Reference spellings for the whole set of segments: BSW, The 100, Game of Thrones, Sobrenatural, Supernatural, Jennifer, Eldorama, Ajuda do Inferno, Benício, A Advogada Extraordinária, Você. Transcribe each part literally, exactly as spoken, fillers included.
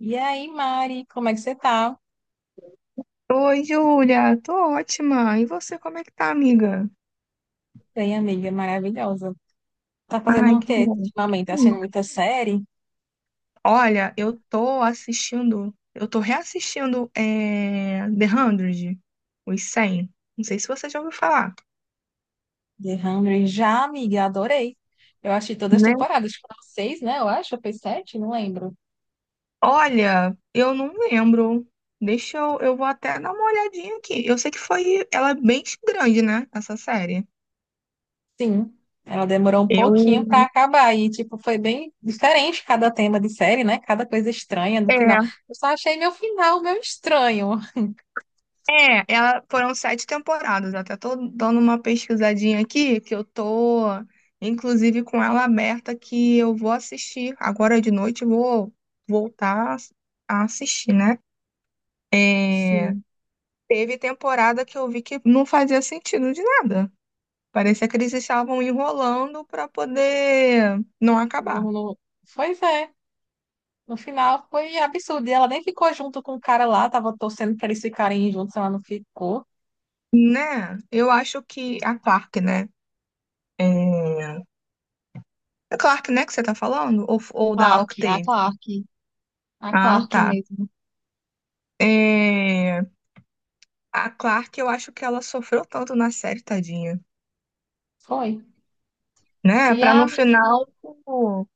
E aí, Mari, como é que você tá? Oi, Júlia, tô ótima. E você, como é que tá, amiga? Bem, amiga, maravilhosa. Tá fazendo Ai, o que quê bom. ultimamente? Tá Hum. assistindo muita série? Olha, eu tô assistindo, eu tô reassistindo é, The hundred, os cem. Não sei se você já ouviu falar, The one hundred? Já, amiga, adorei. Eu achei todas as né? temporadas, foram seis, né? Eu acho, foi sete, não lembro. Olha, eu não lembro. Deixa eu, eu vou até dar uma olhadinha aqui. Eu sei que foi, ela é bem grande, né, essa série. Sim, ela demorou um pouquinho pra Eu, acabar e, tipo, foi bem diferente cada tema de série, né? Cada coisa estranha no é, final. Eu só achei meu final meio estranho. É, ela, foram sete temporadas. Até tô dando uma pesquisadinha aqui, que eu tô, inclusive, com ela aberta, que eu vou assistir. Agora de noite eu vou voltar a assistir, né? É, Sim, Teve temporada que eu vi que não fazia sentido de nada. Parecia que eles estavam enrolando para poder não acabar, não, não... Pois é. No final foi absurdo. E ela nem ficou junto com o cara lá, tava torcendo pra eles ficarem juntos, ela não ficou. né? Eu acho que a Clark, né? É... A Clark, né, que você tá falando? Ou, ou da Clark, a Octave? Clark, a Ah, Clark tá. mesmo. É, A Clark, eu acho que ela sofreu tanto na série, tadinha, Foi. né? E Pra a no menina. final, pô,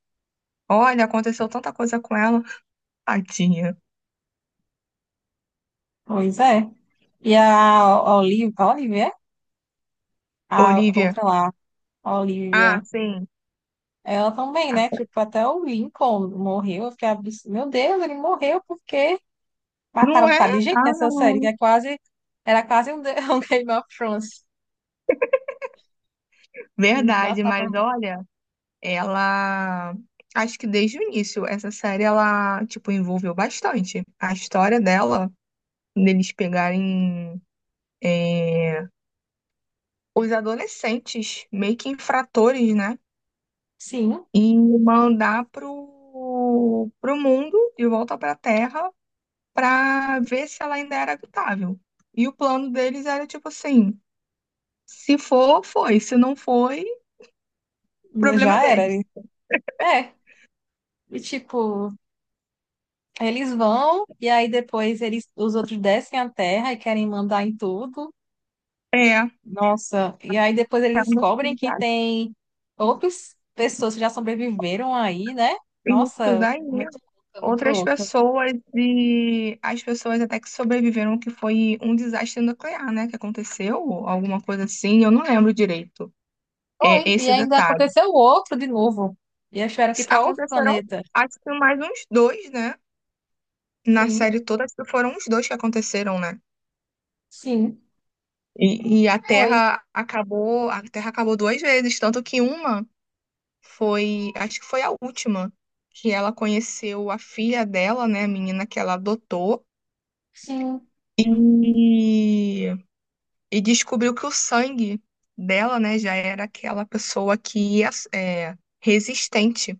olha, aconteceu tanta coisa com ela, tadinha. Pois é. E a Olivia, Olivia, a Olivia. outra lá, a Ah, Olivia, sim. ela também, Ah, né? Tipo, até o Lincoln morreu. Eu fiquei, abs- meu Deus, ele morreu porque não mataram um bocado é? de gente Ah, nessa série, que não. é quase. Era quase um, The- um Game of Thrones. Verdade, Matava. mas olha, ela. Acho que desde o início, essa série, ela, tipo, envolveu bastante. A história dela, deles pegarem. é, Os adolescentes, meio que infratores, né? Sim, E mandar pro, pro mundo, de volta para a Terra, para ver se ela ainda era habitável. E o plano deles era tipo assim: se for, foi, se não foi, problema é já era. deles. É. E tipo. Eles vão e aí depois eles, os outros descem a terra e querem mandar em tudo. É, Nossa, e aí depois eles tendo que descobrem que tem outras pessoas que já sobreviveram aí, né? isso Nossa, daí. muito louca, muito Outras louca. pessoas e as pessoas até que sobreviveram, que foi um desastre nuclear, né? Que aconteceu, alguma coisa assim, eu não lembro direito, é, Foi, e esse ainda detalhe. aconteceu outro de novo. E eles tiveram que ir para outro Aconteceram, planeta. acho que mais uns dois, né? Na Sim, série toda foram os dois que aconteceram, né? sim, E, e a foi. Terra acabou, a Terra acabou duas vezes, tanto que uma foi, acho que foi a última, que ela conheceu a filha dela, né, a menina que ela adotou, Sim. e, e descobriu que o sangue dela, né, já era aquela pessoa que é é, resistente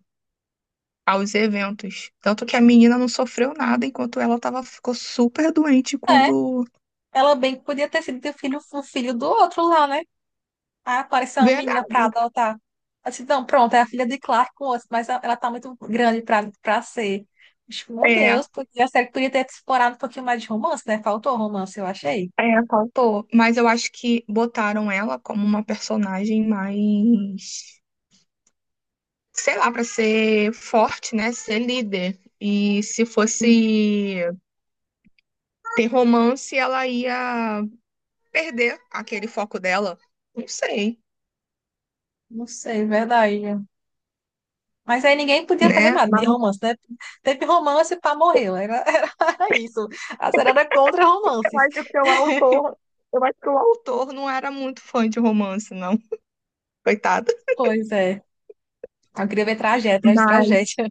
aos eventos. Tanto que a menina não sofreu nada enquanto ela tava, ficou super doente É, quando. ela bem que podia ter sido o filho, o filho do outro lá, né? Aí apareceu uma menina Verdade. pra adotar. Eu disse, não, pronto, é a filha de Clark com osso, mas ela tá muito grande pra, pra ser. Acho que, meu É, Deus, porque a série podia ter explorado um pouquinho mais de romance, né? Faltou romance, eu achei. É, faltou. Mas eu acho que botaram ela como uma personagem mais, sei lá, pra ser forte, né? Ser líder. E se Hum, fosse ter romance, ela ia perder aquele foco dela. Não sei, Não sei, é verdade. Mas aí ninguém podia fazer né? nada de Mas romance, né? Teve romance, para morreu. Era, era isso. A série era contra eu romances. acho que o autor, eu acho que o autor não era muito fã de romance, não. Coitado. Pois é. Eu queria ver tragédia, atrás de Mas tragédia.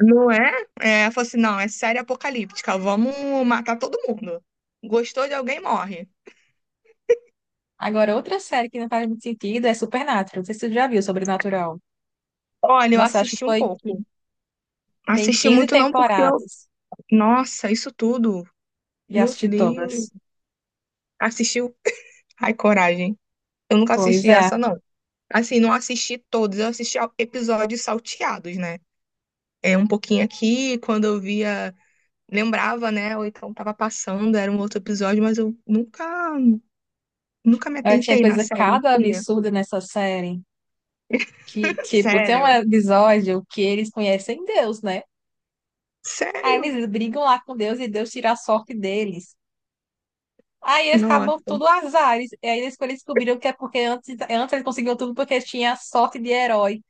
não é? É, falou assim, não, é série apocalíptica, vamos matar todo mundo. Gostou de alguém, morre. Agora, outra série que não faz muito sentido é Supernatural. Não sei se você já viu, Sobrenatural. Olha, eu Nossa, acho que assisti um foi. pouco. Tem Assisti quinze muito não porque eu... temporadas Nossa, isso tudo. e Meu assisti Deus. todas. Assistiu? Ai, coragem. Eu nunca Pois assisti é. essa, não. Assim, não assisti todos. Eu assisti ao- episódios salteados, né? É um pouquinho aqui, quando eu via... Lembrava, né? Ou então tava passando, era um outro episódio, mas eu nunca... Nunca me Ela tinha atentei na coisa série em cada si. absurda nessa série. Que, tipo, tem um Sério? episódio que eles conhecem Deus, né? Aí Sério? eles brigam lá com Deus e Deus tira a sorte deles. Aí eles acabam Nossa. tudo azares. E aí eles quando descobriram que é porque antes, antes eles conseguiam tudo porque eles tinham a sorte de herói.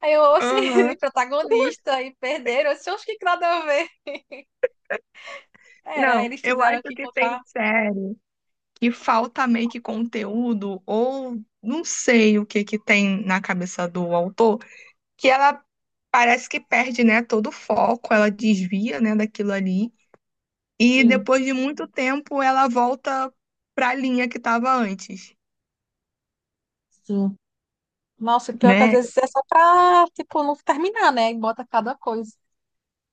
Aí eu, oxe, Aham. protagonista, e perderam. Eu disse, oxe, que nada a ver. Era, Não, eles eu acho tiveram que que tem encontrar. série que falta meio que conteúdo, ou não sei o que que tem na cabeça do autor, que ela parece que perde, né, todo o foco, ela desvia, né, daquilo ali, e Sim, depois de muito tempo ela volta para a linha que estava antes, sim. Nossa, pior que às né? vezes é só pra, tipo, não terminar, né? E bota cada coisa.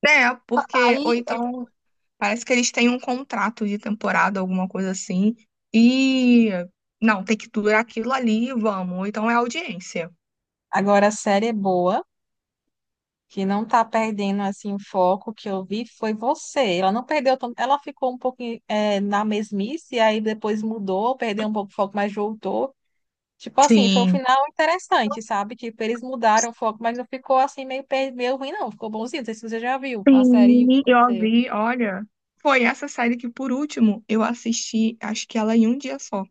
É, porque, ou Aí, então, parece que eles têm um contrato de temporada, alguma coisa assim, e não, tem que durar aquilo ali, vamos, ou então é audiência. agora a série é boa, que não tá perdendo, assim, o foco que eu vi foi você. Ela não perdeu tanto, ela ficou um pouco é, na mesmice, aí depois mudou, perdeu um pouco o foco, mas voltou. Tipo assim, foi um Sim. final interessante, sabe? Tipo, eles mudaram o foco, mas não ficou assim meio, per- meio ruim, não. Ficou bonzinho. Não sei se você já viu a série Sim, eu Você. vi, olha. Foi essa série que, por último, eu assisti, acho que ela em um dia só.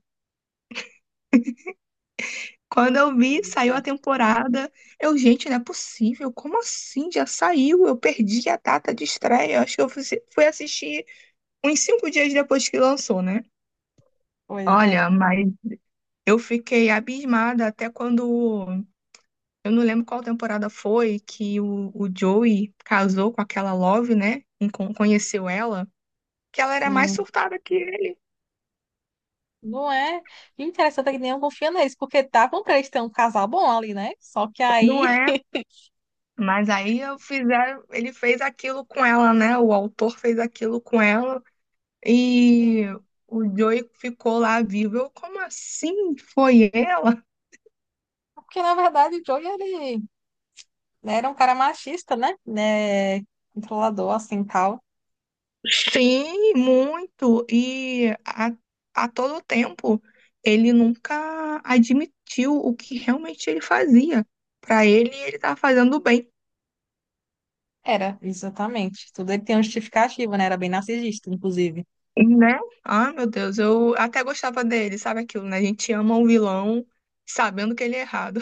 Quando eu vi, Pois saiu a é. temporada. Eu, gente, não é possível. Como assim? Já saiu? Eu perdi a data de estreia. Acho que eu fui fui assistir uns cinco dias depois que lançou, né? Pois é. Olha, mas eu fiquei abismada até quando. Eu não lembro qual temporada foi que o, o Joey casou com aquela Love, né? Encon- Conheceu ela. Que ela era mais Sim. surtada que ele. Não é? E interessante é que nenhum confia neles, porque estavam pra eles terem um casal bom ali, né? Só que Não aí. é? Mas aí eu fizeram, ele fez aquilo com ela, né? O autor fez aquilo com ela e Sim. o Joey ficou lá vivo. Eu, como assim? Foi ela? Porque na verdade o Joey, ele era um cara machista, né? Né? Controlador, assim, tal. Sim, muito. E a, a todo tempo ele nunca admitiu o que realmente ele fazia. Pra ele, ele tava fazendo bem, Era, exatamente. Tudo ele tem um justificativo, né? Era bem narcisista, inclusive. né? Ah, meu Deus, eu até gostava dele, sabe aquilo, né? A gente ama um vilão sabendo que ele é errado.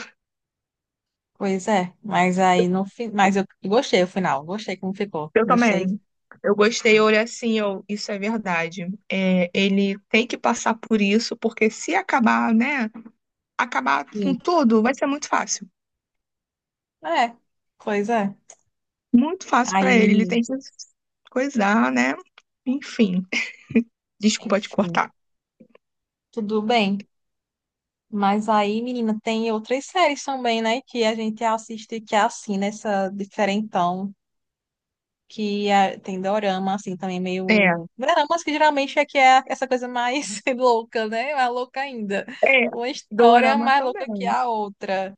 Pois é, mas aí no fim. Mas eu gostei o final, gostei como ficou. Eu Gostei. também. Eu gostei, eu olhei assim, eu, isso é verdade. É, ele tem que passar por isso, porque se acabar, né, acabar Sim. com tudo, vai ser muito fácil. É, pois é. Muito fácil Aí, pra ele, ele menino, tem que coisar, né? Enfim, desculpa te enfim, cortar. tudo bem. Mas aí, menina, tem outras séries também, né? Que a gente assiste que é assim, nessa diferentão. Que é- tem dorama, assim, também É, meio... Doramas que geralmente é que é essa coisa mais louca, né? Mais louca ainda. é, Uma história Dorama mais louca que também. a outra.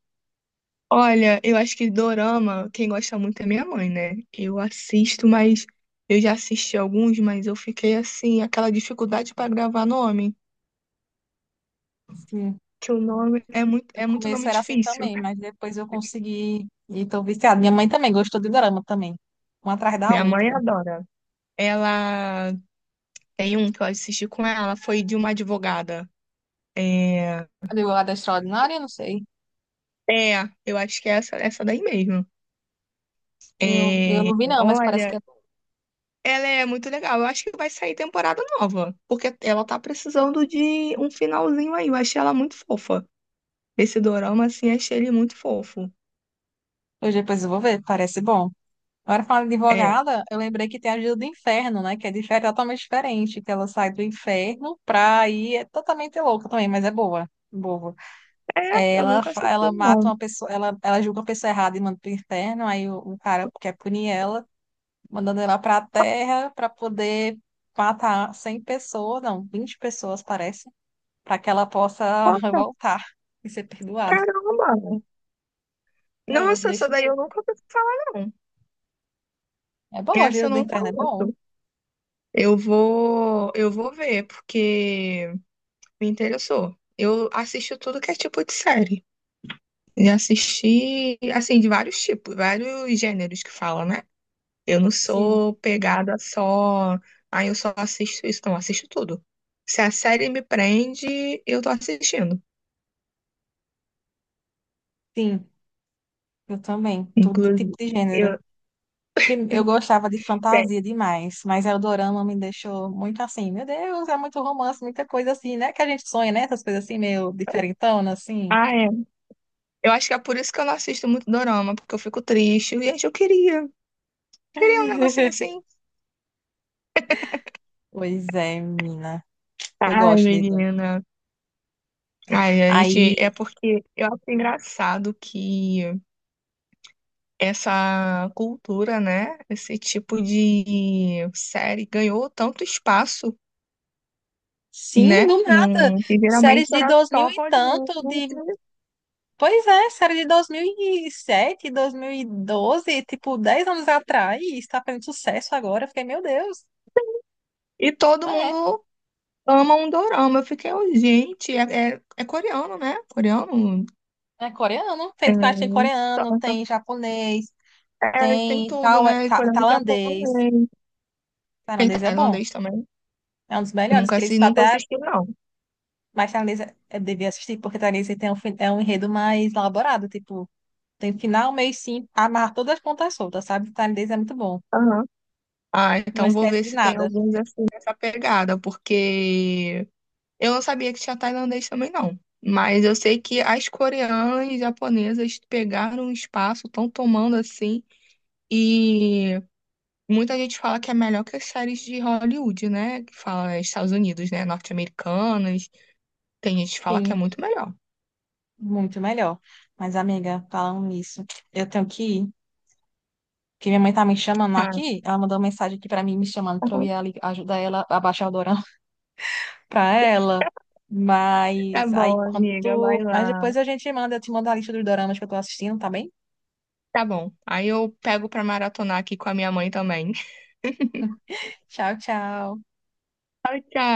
Olha, eu acho que Dorama, quem gosta muito é minha mãe, né? Eu assisto, mas eu já assisti alguns, mas eu fiquei assim, aquela dificuldade pra gravar nome. Sim. Que o nome é muito, No é muito começo nome era assim difícil. também, mas depois eu consegui... E tô viciada. Minha mãe também gostou de dorama também. Uma atrás da Minha mãe outra. adora. Ela tem um que eu assisti com ela, foi de uma advogada. É, A Advogada Extraordinária, não sei. é eu acho que é essa, essa daí mesmo. Eu, eu É, não vi não, mas parece que olha, é bom. ela é muito legal. Eu acho que vai sair temporada nova, porque ela tá precisando de um finalzinho aí. Eu achei ela muito fofa. Esse dorama, assim, achei ele muito fofo. Hoje depois eu vou ver, parece bom. Agora falando de É, advogada, eu lembrei que tem a Ajuda do Inferno, né? Que é diferente, totalmente diferente, que ela sai do inferno pra ir, é totalmente louca também, mas é boa, boa. é, É, eu Ela, nunca fa- assisti ela um, mata não. uma pessoa, ela, ela julga uma pessoa errada e manda pro inferno, aí o, o cara quer punir ela, mandando ela pra terra pra poder matar cem pessoas, não, vinte pessoas parece, pra que ela possa Nossa, voltar e ser perdoada. caramba! Era, Nossa, essa deixa eu daí ver. eu nunca ouvi falar, não. É bom, a Essa Ajuda eu do não Inferno é bom. conheço. Eu vou, eu vou ver, porque me interessou. Eu assisto tudo que é tipo de série. E assisti, assim, de vários tipos, vários gêneros que falam, né? Eu não Sim, sou pegada só, ah, eu só assisto isso, não, eu assisto tudo. Se a série me prende, eu tô assistindo. sim, eu também, todo tipo Inclusive, de gênero. eu, prim- Eu gostava de tem- fantasia demais, mas Eldorama me deixou muito assim, meu Deus, é muito romance, muita coisa assim, né? Que a gente sonha, né? Essas coisas assim, meio diferentona, assim. ah, é. Eu acho que é por isso que eu não assisto muito dorama, porque eu fico triste. Gente, eu queria, queria um negocinho assim. Pois é, menina. Eu Ai, gosto de dorama. menina. Ai, a gente, é Aí, porque eu acho engraçado que essa cultura, né, esse tipo de série ganhou tanto espaço, sim, né, do nada. num, que Séries geralmente de era dois mil só e Hollywood tanto, de... Pois é, série de dois dois mil mil e sete, dois mil e doze, tipo, dez anos atrás, está fazendo sucesso agora. Eu fiquei, meu Deus. e todo É, mundo ama um dorama. Eu fiquei, oh, gente, é, é, é coreano, né? Coreano é coreano. Tem, tem, tem só- coreano, só- tem japonês. é, tem Tem tudo, tal, né? ta- Coreano e tailandês. japonês, tem Tailandês é bom. tailandês também. É um dos Eu melhores nunca, que assi- eles nunca até. assisti, não. Mas tailandês é- eu devia assistir, porque tailandês tem um, fin- é um enredo mais elaborado. Tipo, tem final, meio sim fim, amarra todas as pontas soltas, sabe? Tailandês é muito bom. Aham. Ah, Não então vou esquece ver de se tem nada. alguns assim nessa pegada, porque eu não sabia que tinha tailandês também não. Mas eu sei que as coreanas e japonesas pegaram um espaço, estão tomando assim, e muita gente fala que é melhor que as séries de Hollywood, né? Que fala Estados Unidos, né? Norte-americanas. Tem gente que fala que é Sim, muito melhor. muito melhor. Mas, amiga, falando nisso, eu tenho que ir. Porque minha mãe tá me chamando Ah, aqui. Ela mandou uma mensagem aqui pra mim, me chamando tá pra eu bom. ir ali ajudar ela a baixar o para ela. Tá Mas aí bom, quando amiga, vai tu... Mas lá. depois a gente manda, eu te mando a lista dos doramas que eu tô assistindo, tá bem? Tá bom. Aí eu pego pra maratonar aqui com a minha mãe também. Tchau, tchau. Tchau, tchau.